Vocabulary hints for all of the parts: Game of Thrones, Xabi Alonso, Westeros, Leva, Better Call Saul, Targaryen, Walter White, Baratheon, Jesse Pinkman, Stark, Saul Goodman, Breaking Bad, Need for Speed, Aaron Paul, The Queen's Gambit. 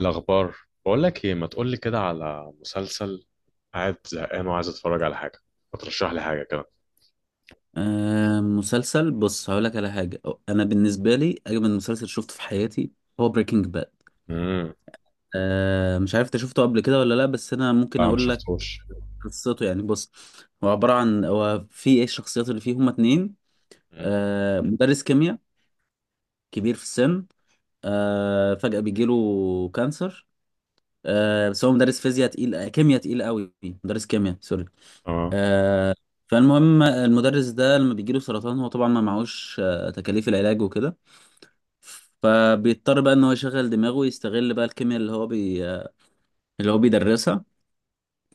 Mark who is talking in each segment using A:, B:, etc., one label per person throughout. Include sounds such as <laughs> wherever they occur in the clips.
A: الأخبار. بقول لك إيه، ما تقول لي كده على مسلسل؟ قاعد زهقان وعايز أتفرج على حاجة. ما ترشح لي حاجة كده؟
B: مسلسل، بص هقول لك على حاجة. أنا بالنسبة لي أجمل مسلسل شفته في حياتي هو بريكنج باد.
A: امم.
B: مش عارف أنت شفته قبل كده ولا لأ، بس أنا ممكن
A: لا، ما
B: أقول لك
A: شفتوش.
B: قصته. يعني بص، هو عبارة عن، هو في إيه، الشخصيات اللي فيه هما اتنين.
A: امم.
B: مدرس كيمياء كبير في السن. فجأة بيجيله كانسر. بس هو مدرس فيزياء تقيل، كيمياء تقيل قوي، مدرس كيمياء سوري.
A: اه.
B: آه فالمهم المدرس ده لما بيجيله سرطان هو طبعا ما معهوش تكاليف العلاج وكده. فبيضطر بقى ان هو يشغل دماغه ويستغل بقى الكيمياء اللي هو بيدرسها،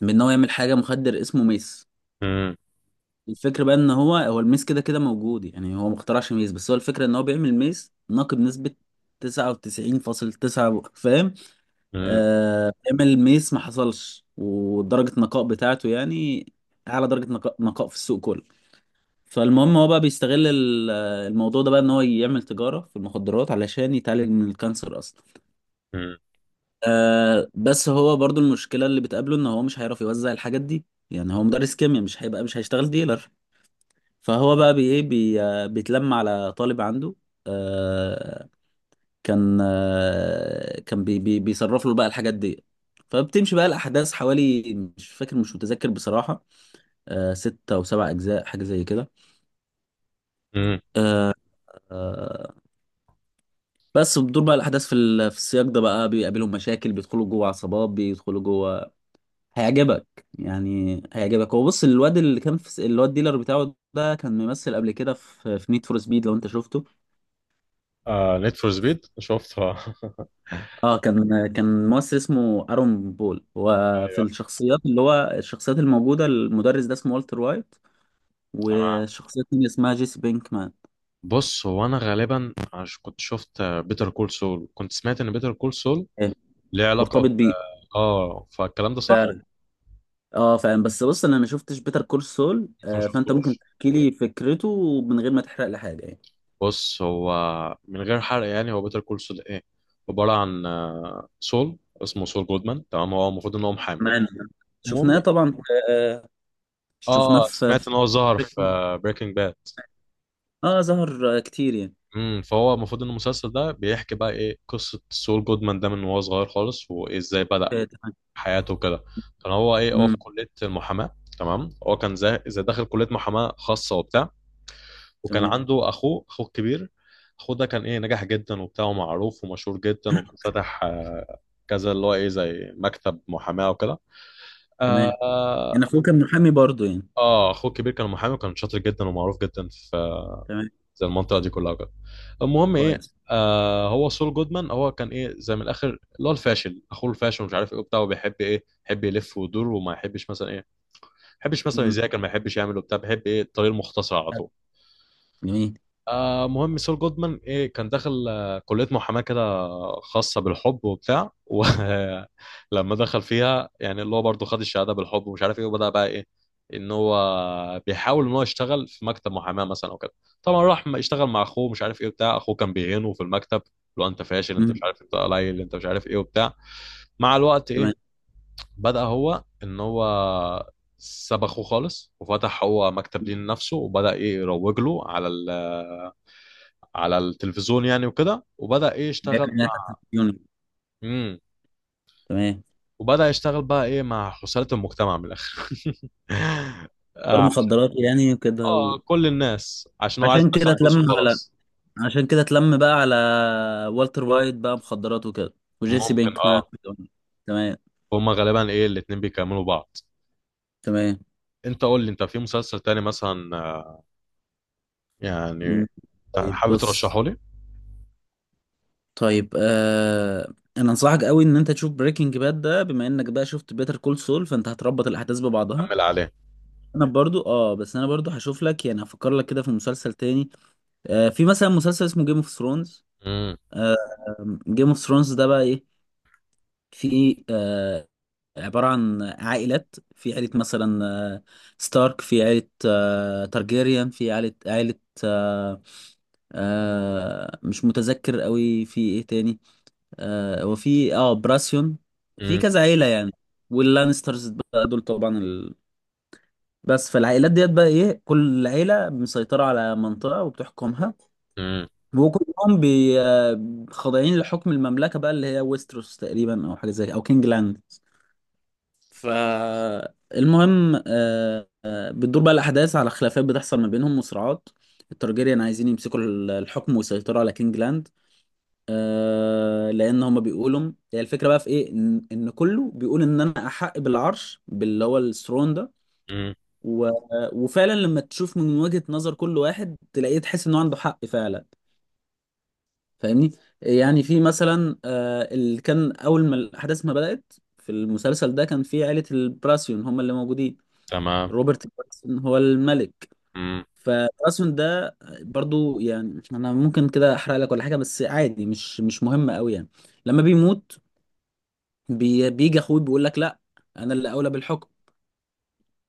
B: بان هو يعمل حاجه، مخدر اسمه ميس.
A: امم.
B: الفكره بقى ان هو هو الميس كده كده موجود، يعني هو ما اخترعش ميس، بس هو الفكره ان هو بيعمل ميس ناقي بنسبه 99.9. فاهم؟
A: امم.
B: بيعمل ميس ما حصلش، ودرجه النقاء بتاعته يعني اعلى درجه نقاء، نقاء في السوق كله. فالمهم هو بقى بيستغل الموضوع ده بقى ان هو يعمل تجاره في المخدرات علشان يتعالج من الكانسر اصلا.
A: امم.
B: بس هو برضو المشكلة اللي بتقابله ان هو مش هيعرف يوزع الحاجات دي. يعني هو مدرس كيمياء، مش هيشتغل ديلر. فهو بقى بي ايه بي آه، بيتلم على طالب عنده. آه كان آه كان بي بي بيصرف له بقى الحاجات دي. فبتمشي بقى الأحداث، حوالي مش متذكر بصراحة، ستة أو سبع أجزاء، حاجة زي كده.
A: امم.
B: آه آه بس بتدور بقى الأحداث في في السياق ده، بقى بيقابلهم مشاكل، بيدخلوا جوه عصابات، بيدخلوا جوه. هيعجبك، يعني هيعجبك. هو بص، الواد اللي كان اللي هو الديلر بتاعه ده كان ممثل قبل كده في نيد فور سبيد لو انت شفته.
A: آه، نيد فور سبيد شفتها <laughs>
B: اه كان ممثل اسمه ارون بول. وفي
A: ايوه.
B: الشخصيات اللي هو الشخصيات الموجوده، المدرس ده اسمه والتر وايت،
A: تمام.
B: والشخصيه التانيه اسمها جيسي بينكمان.
A: بص، هو انا غالبا كنت شفت بيتر كول سول، كنت سمعت ان بيتر كول سول
B: إيه،
A: ليه علاقة ب.
B: مرتبط بيه.
A: اه، فالكلام ده
B: ف...
A: صح.
B: اه فاهم، بس بص انا ما شفتش بيتر كول سول.
A: انت ما
B: فانت ممكن
A: شفتوش؟
B: تحكي لي فكرته من غير ما تحرق لي حاجه يعني.
A: بص هو، من غير حرق يعني، هو بيتر كول سول ايه؟ عباره عن سول. اسمه سول جودمان، تمام. هو المفروض ان هو محامي.
B: تمام.
A: المهم،
B: شفناه طبعا. آه شفناه
A: اه، سمعت
B: في...
A: ان هو ظهر في بريكنج باد.
B: اه، ظهر كتير يعني.
A: فهو المفروض ان المسلسل ده بيحكي بقى ايه قصه سول جودمان ده من وهو صغير خالص، وازاي بدا
B: آه، تمام.
A: حياته وكده. كان هو ايه، هو
B: امم.
A: في كليه المحاماه. تمام. هو كان زي داخل كليه محاماه خاصه وبتاع، وكان
B: تمام.
A: عنده اخوه، اخوه الكبير. اخوه ده كان ايه، نجح جدا وبتاع ومعروف ومشهور جدا، وكان فاتح كذا اللي هو ايه زي مكتب محاماه وكده. آه
B: تمام.
A: اه
B: يعني اخوه كان محامي برضه يعني.
A: اخوه الكبير كان محامي وكان شاطر جدا ومعروف جدا في
B: تمام.
A: زي المنطقه دي كلها وكده. المهم ايه،
B: كويس.
A: هو سول جودمان هو كان ايه زي من الاخر اللي هو الفاشل، اخوه الفاشل ومش عارف ايه وبتاع، وبيحب ايه، يحب يلف ويدور وما يحبش مثلا ايه، ما يحبش مثلا
B: امم.
A: يذاكر، ما يحبش يعمل وبتاع، بيحب ايه الطريق المختصر على طول.
B: جميل.
A: مهم، سول جودمان ايه كان داخل كلية محاماة كده خاصة بالحب وبتاع، ولما <laughs> دخل فيها يعني، اللي هو برضه خد الشهادة بالحب ومش عارف ايه، وبدأ بقى ايه، ان هو بيحاول ان هو يشتغل في مكتب محاماة مثلا وكده. طبعا راح اشتغل مع اخوه مش عارف ايه وبتاع. اخوه كان بيهينه في المكتب: لو انت فاشل، انت مش
B: امم.
A: عارف، انت قليل، انت مش عارف ايه وبتاع. مع الوقت
B: تمام.
A: ايه، بدأ هو ان هو ساب اخوه خالص وفتح هو مكتب ليه لنفسه، وبدأ ايه يروج له على على التلفزيون يعني وكده، وبدأ ايه
B: بيعمل
A: يشتغل
B: إنها تحت
A: مع.
B: الديون.
A: امم.
B: تمام.
A: وبدأ يشتغل بقى ايه مع خسارة المجتمع من الآخر <laughs>
B: دور
A: آه، عشان-
B: مخدرات يعني وكده.
A: اه، كل الناس عشان هو عايز
B: عشان كده
A: يدخل
B: اتلم
A: فلوسه
B: على
A: وخلاص.
B: عشان كده اتلم بقى على والتر وايت بقى، مخدرات وكده، وجيسي
A: ممكن.
B: بينك معاه.
A: اه،
B: تمام.
A: هما غالبا ايه الاتنين بيكملوا بعض.
B: تمام.
A: انت قول لي انت في مسلسل تاني مثلا، يعني
B: مم. طيب
A: حابب
B: بص،
A: ترشحه لي.
B: طيب. انا انصحك قوي ان انت تشوف بريكنج باد ده، بما انك بقى شفت بيتر كول سول فانت هتربط الاحداث ببعضها.
A: كمل عليه.
B: انا برضو بس انا برضو هشوف لك، يعني هفكر لك كده في مسلسل تاني. في مثلا مسلسل اسمه جيم اوف ثرونز.
A: امم.
B: جيم اوف ثرونز ده بقى ايه؟ في عبارة عن عائلات، في عائلة مثلا آه ستارك، في عائلة تارجيريان، في عائلة، آه مش متذكر قوي في ايه تاني. وفي براسيون، في
A: امم.
B: كذا عيلة يعني، واللانسترز بقى دول طبعا. بس فالعائلات ديت بقى ايه، كل عيلة مسيطرة على منطقة وبتحكمها،
A: امم.
B: وكلهم بي آه، خاضعين لحكم المملكة بقى اللي هي ويستروس تقريبا، او حاجة زي او كينج لاند. فالمهم بتدور بقى الأحداث على خلافات بتحصل ما بينهم وصراعات. التارجيريان عايزين يمسكوا الحكم ويسيطروا على كينج لاند. لأن هما بيقولوا، هي الفكرة بقى في إيه، إن كله بيقول إن أنا أحق بالعرش، باللي هو الثرون ده.
A: امم.
B: و... وفعلا لما تشوف من وجهة نظر كل واحد تلاقيه، تحس انه عنده حق فعلا. فاهمني؟ يعني في مثلا اللي كان اول ما الاحداث ما بدأت في المسلسل ده، كان في عائلة البراسيون هم اللي موجودين.
A: تمام.
B: روبرت براسيون هو الملك.
A: امم.
B: فبراسيون ده برضو، يعني انا ممكن كده احرق لك ولا حاجة، بس عادي، مش مهم قوي يعني. لما بيموت، بيجي اخوه بيقول لك لا، انا اللي اولى بالحكم.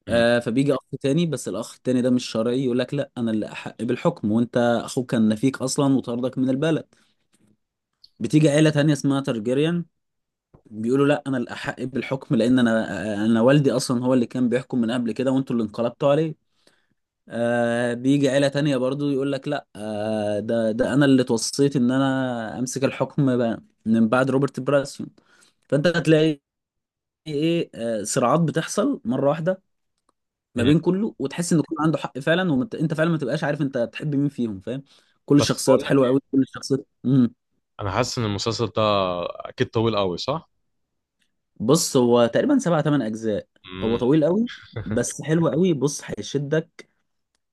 A: امم.
B: فبيجي اخ تاني، بس الاخ التاني ده مش شرعي، يقول لك لا، انا اللي احق بالحكم، وانت اخوك كان نفيك اصلا وطردك من البلد. بتيجي عيله تانيه اسمها ترجيريان، بيقولوا لا، انا اللي احق بالحكم لان انا والدي اصلا هو اللي كان بيحكم من قبل كده، وانتوا اللي انقلبتوا عليه. بيجي عيله تانيه برضو، يقول لك لا، ده انا اللي توصيت ان انا امسك الحكم من بعد روبرت براسيون. فانت هتلاقي ايه آه صراعات بتحصل مره واحده ما
A: امم.
B: بين كله، وتحس ان كله عنده حق فعلا، وانت فعلا ما تبقاش عارف انت تحب مين فيهم، فاهم؟ كل
A: بس
B: الشخصيات
A: بقول لك
B: حلوه قوي،
A: ايه،
B: كل الشخصيات.
A: انا حاسس ان المسلسل ده اكيد طويل قوي، صح؟
B: بص هو تقريبا سبع ثمان اجزاء، هو
A: امم.
B: طويل قوي.
A: <laughs>
B: بس حلو قوي، بص هيشدك.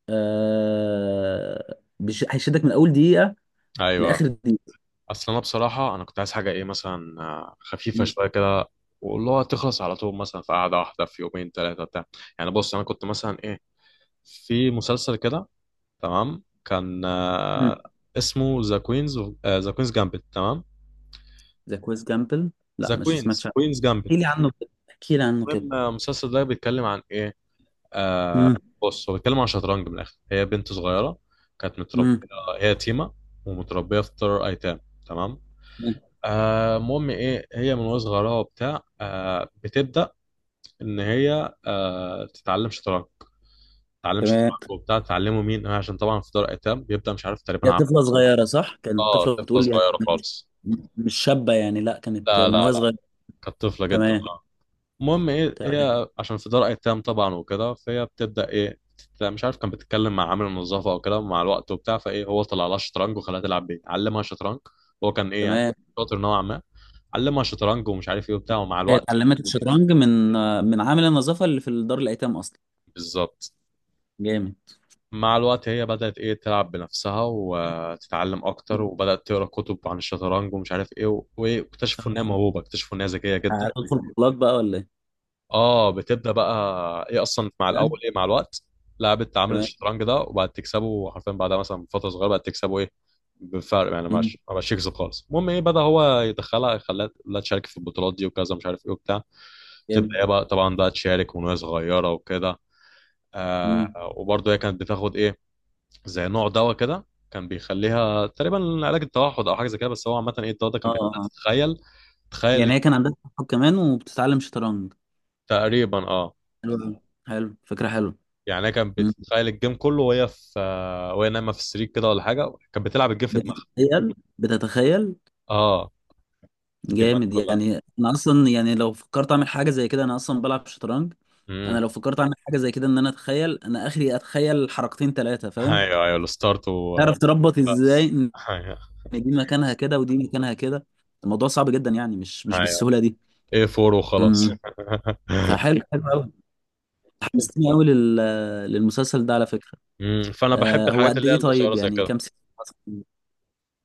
B: هيشدك من اول دقيقه
A: ايوه.
B: لاخر دقيقه.
A: اصل انا بصراحه، انا كنت عايز حاجه ايه مثلا، خفيفه شويه كده، واللي هو تخلص على طول مثلا في قعده واحده، في يومين ثلاثه بتاع. يعني بص، انا كنت مثلا ايه، في مسلسل كده تمام، كان
B: امم
A: اسمه ذا كوينز جامبت. تمام.
B: ذا كويس جامبل؟ لا،
A: ذا
B: مش
A: كوينز
B: سمعتش عنه.
A: كوينز جامبت.
B: احكي لي عنه كده، احكي لي عنه كده.
A: المهم، المسلسل ده بيتكلم عن ايه. آه
B: امم.
A: بص، هو بيتكلم عن شطرنج من الاخر. هي بنت صغيره كانت متربيه،
B: امم.
A: هي يتيمه ومتربيه في دار ايتام. تمام. المهم ايه، هي من وهي صغيره وبتاع بتبدا ان هي تتعلم شطرنج. تتعلم
B: تمام.
A: شطرنج وبتاع. تعلمه مين؟ عشان طبعا في دار ايتام، بيبدا مش عارف تقريبا
B: هي طفله صغيره صح؟ كانت
A: اه،
B: طفله
A: طفله
B: بتقول يعني؟
A: صغيره خالص.
B: مش شابه يعني، لا كانت
A: لا
B: من
A: لا
B: وهي
A: لا،
B: صغيره.
A: كانت طفله جدا.
B: تمام.
A: اه. المهم ايه،
B: تمام.
A: هي عشان في دار ايتام طبعا وكده، فهي بتبدا ايه مش عارف، كان بتتكلم مع عامل النظافه او كده مع الوقت وبتاع، فايه هو طلع لها شطرنج وخلاها تلعب بيه، علمها شطرنج. هو كان ايه يعني
B: تمام.
A: شاطر نوعا ما. علمها شطرنج ومش عارف ايه وبتاع، ومع
B: هي
A: الوقت.
B: اتعلمت الشطرنج من عامل النظافه اللي في دار الايتام اصلا.
A: بالظبط.
B: جامد.
A: مع الوقت هي بدأت ايه تلعب بنفسها وتتعلم اكتر،
B: مم.
A: وبدأت تقرا كتب عن الشطرنج ومش عارف ايه وايه، واكتشفوا ان هي
B: تمام.
A: موهوبة، اكتشفوا ان هي ذكية جدا.
B: هتدخل بطولات بقى ولا ايه؟
A: اه. بتبدأ بقى ايه اصلا مع الاول
B: تمام.
A: ايه، مع الوقت لعبت تعامل
B: تمام.
A: الشطرنج ده وبقت تكسبه حرفيا، بعدها مثلا فترة صغيرة بقت تكسبه ايه بفرق، يعني ما
B: مم.
A: بقاش ما بقاش يكسب خالص. المهم ايه، بدأ هو يدخلها، خلاها لا تشارك في البطولات دي وكذا، مش عارف ايه وبتاع.
B: جامد.
A: تبدأ ايه بقى طبعا بقى تشارك وهي صغيرة وكده.
B: مم.
A: وبرضه هي كانت بتاخد ايه زي نوع دواء كده، كان بيخليها تقريبا علاج التوحد او حاجه زي كده. بس هو عامه ايه، الدواء ده
B: اه.
A: كان بيخليها
B: آه.
A: تتخيل،
B: يعني
A: تخيل.
B: هي كان عندها صحاب كمان وبتتعلم شطرنج؟
A: تقريبا، اه.
B: حلو أوي. حلو، فكره حلوه.
A: يعني هي كانت
B: مم.
A: بتتخيل الجيم كله وهي في آه، وهي نايمه في السرير كده ولا حاجه، كانت بتلعب الجيم في دماغها.
B: بتتخيل، بتتخيل.
A: اه، الجيمات
B: جامد،
A: كلها.
B: يعني انا اصلا، يعني لو فكرت اعمل حاجه زي كده، انا اصلا بلعب شطرنج. انا
A: امم.
B: لو فكرت اعمل حاجه زي كده، ان انا اتخيل، انا اخري اتخيل حركتين ثلاثه، فاهم؟
A: ايوه ايوه الستارت
B: تعرف تربط ازاي؟
A: بس.
B: يعني
A: ايوه
B: دي مكانها كده ودي مكانها كده، الموضوع صعب جدا يعني، مش
A: ايوه
B: بالسهولة دي.
A: ايه فور وخلاص
B: امم.
A: <laughs>
B: فحلو، حلو قوي، حمستني قوي للمسلسل ده على فكرة.
A: فانا بحب
B: هو
A: الحاجات
B: قد
A: اللي هي
B: ايه طيب،
A: القصيره زي
B: يعني
A: كده.
B: كام سيزون مثلاً؟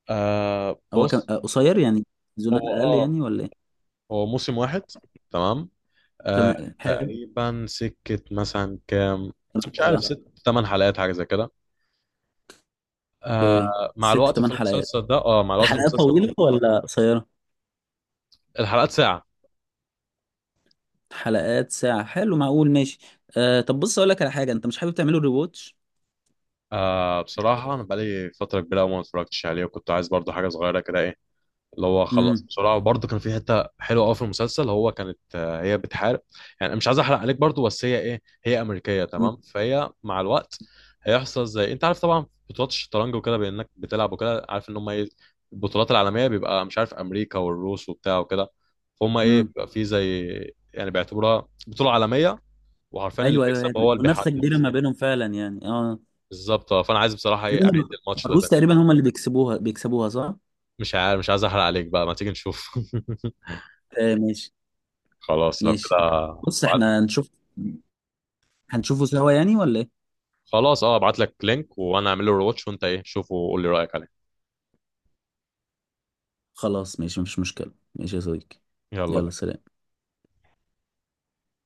B: هو كم
A: بص،
B: قصير يعني، سيزونات
A: هو
B: اقل
A: اه
B: يعني ولا ايه؟
A: هو موسم واحد. تمام.
B: كمان حلو،
A: تقريبا سكة مثلا كام، مش عارف،
B: بقى
A: ست تمن حلقات حاجة زي كده.
B: في
A: مع
B: ست
A: الوقت في
B: تمن حلقات.
A: المسلسل ده، مع الوقت في
B: الحلقات
A: المسلسل
B: طويلة ولا قصيرة؟
A: الحلقات ساعة.
B: حلقات ساعة، حلو، معقول، ماشي. طب بص، اقول لك على حاجة، انت مش حابب تعمله ريواتش؟
A: بصراحة أنا بقالي فترة كبيرة أوي ما اتفرجتش عليه، وكنت عايز برضو حاجة صغيرة كده إيه اللي هو خلص
B: امم.
A: بسرعه، وبرده كان في حته حلوه قوي في المسلسل. هو كانت آه، هي بتحارب. يعني أنا مش عايز احرق عليك برده، بس هي ايه، هي امريكيه تمام، فهي مع الوقت هيحصل زي انت عارف طبعا بطولات الشطرنج وكده، بانك بتلعب وكده، عارف ان هم ايه البطولات العالميه، بيبقى مش عارف امريكا والروس وبتاع وكده. فهم ايه
B: امم.
A: بيبقى في زي، يعني بيعتبروها بطوله عالميه. وعارفين اللي
B: ايوه. ايوه، هي
A: بيكسب هو اللي
B: المنافسة
A: بيحدد.
B: كبيرة ما بينهم فعلا يعني، اه.
A: بالظبط. فانا عايز بصراحه ايه اعيد
B: تقريبا،
A: الماتش ده
B: الروس
A: تاني.
B: تقريبا هم اللي بيكسبوها، بيكسبوها صح؟
A: مش عارف، مش عايز احرق عليك بقى، ما تيجي نشوف <laughs>
B: ماشي.
A: خلاص لو
B: ماشي
A: كده.
B: طب، بص احنا هنشوف، هنشوفه سوا يعني ولا ايه؟
A: خلاص، اه، ابعت لك لينك وانا اعمل له رواتش، وانت ايه شوفه وقول لي رايك عليه.
B: خلاص ماشي، مفيش مشكلة، ماشي يا صديقي.
A: يلا
B: يلا
A: بينا.
B: سلام.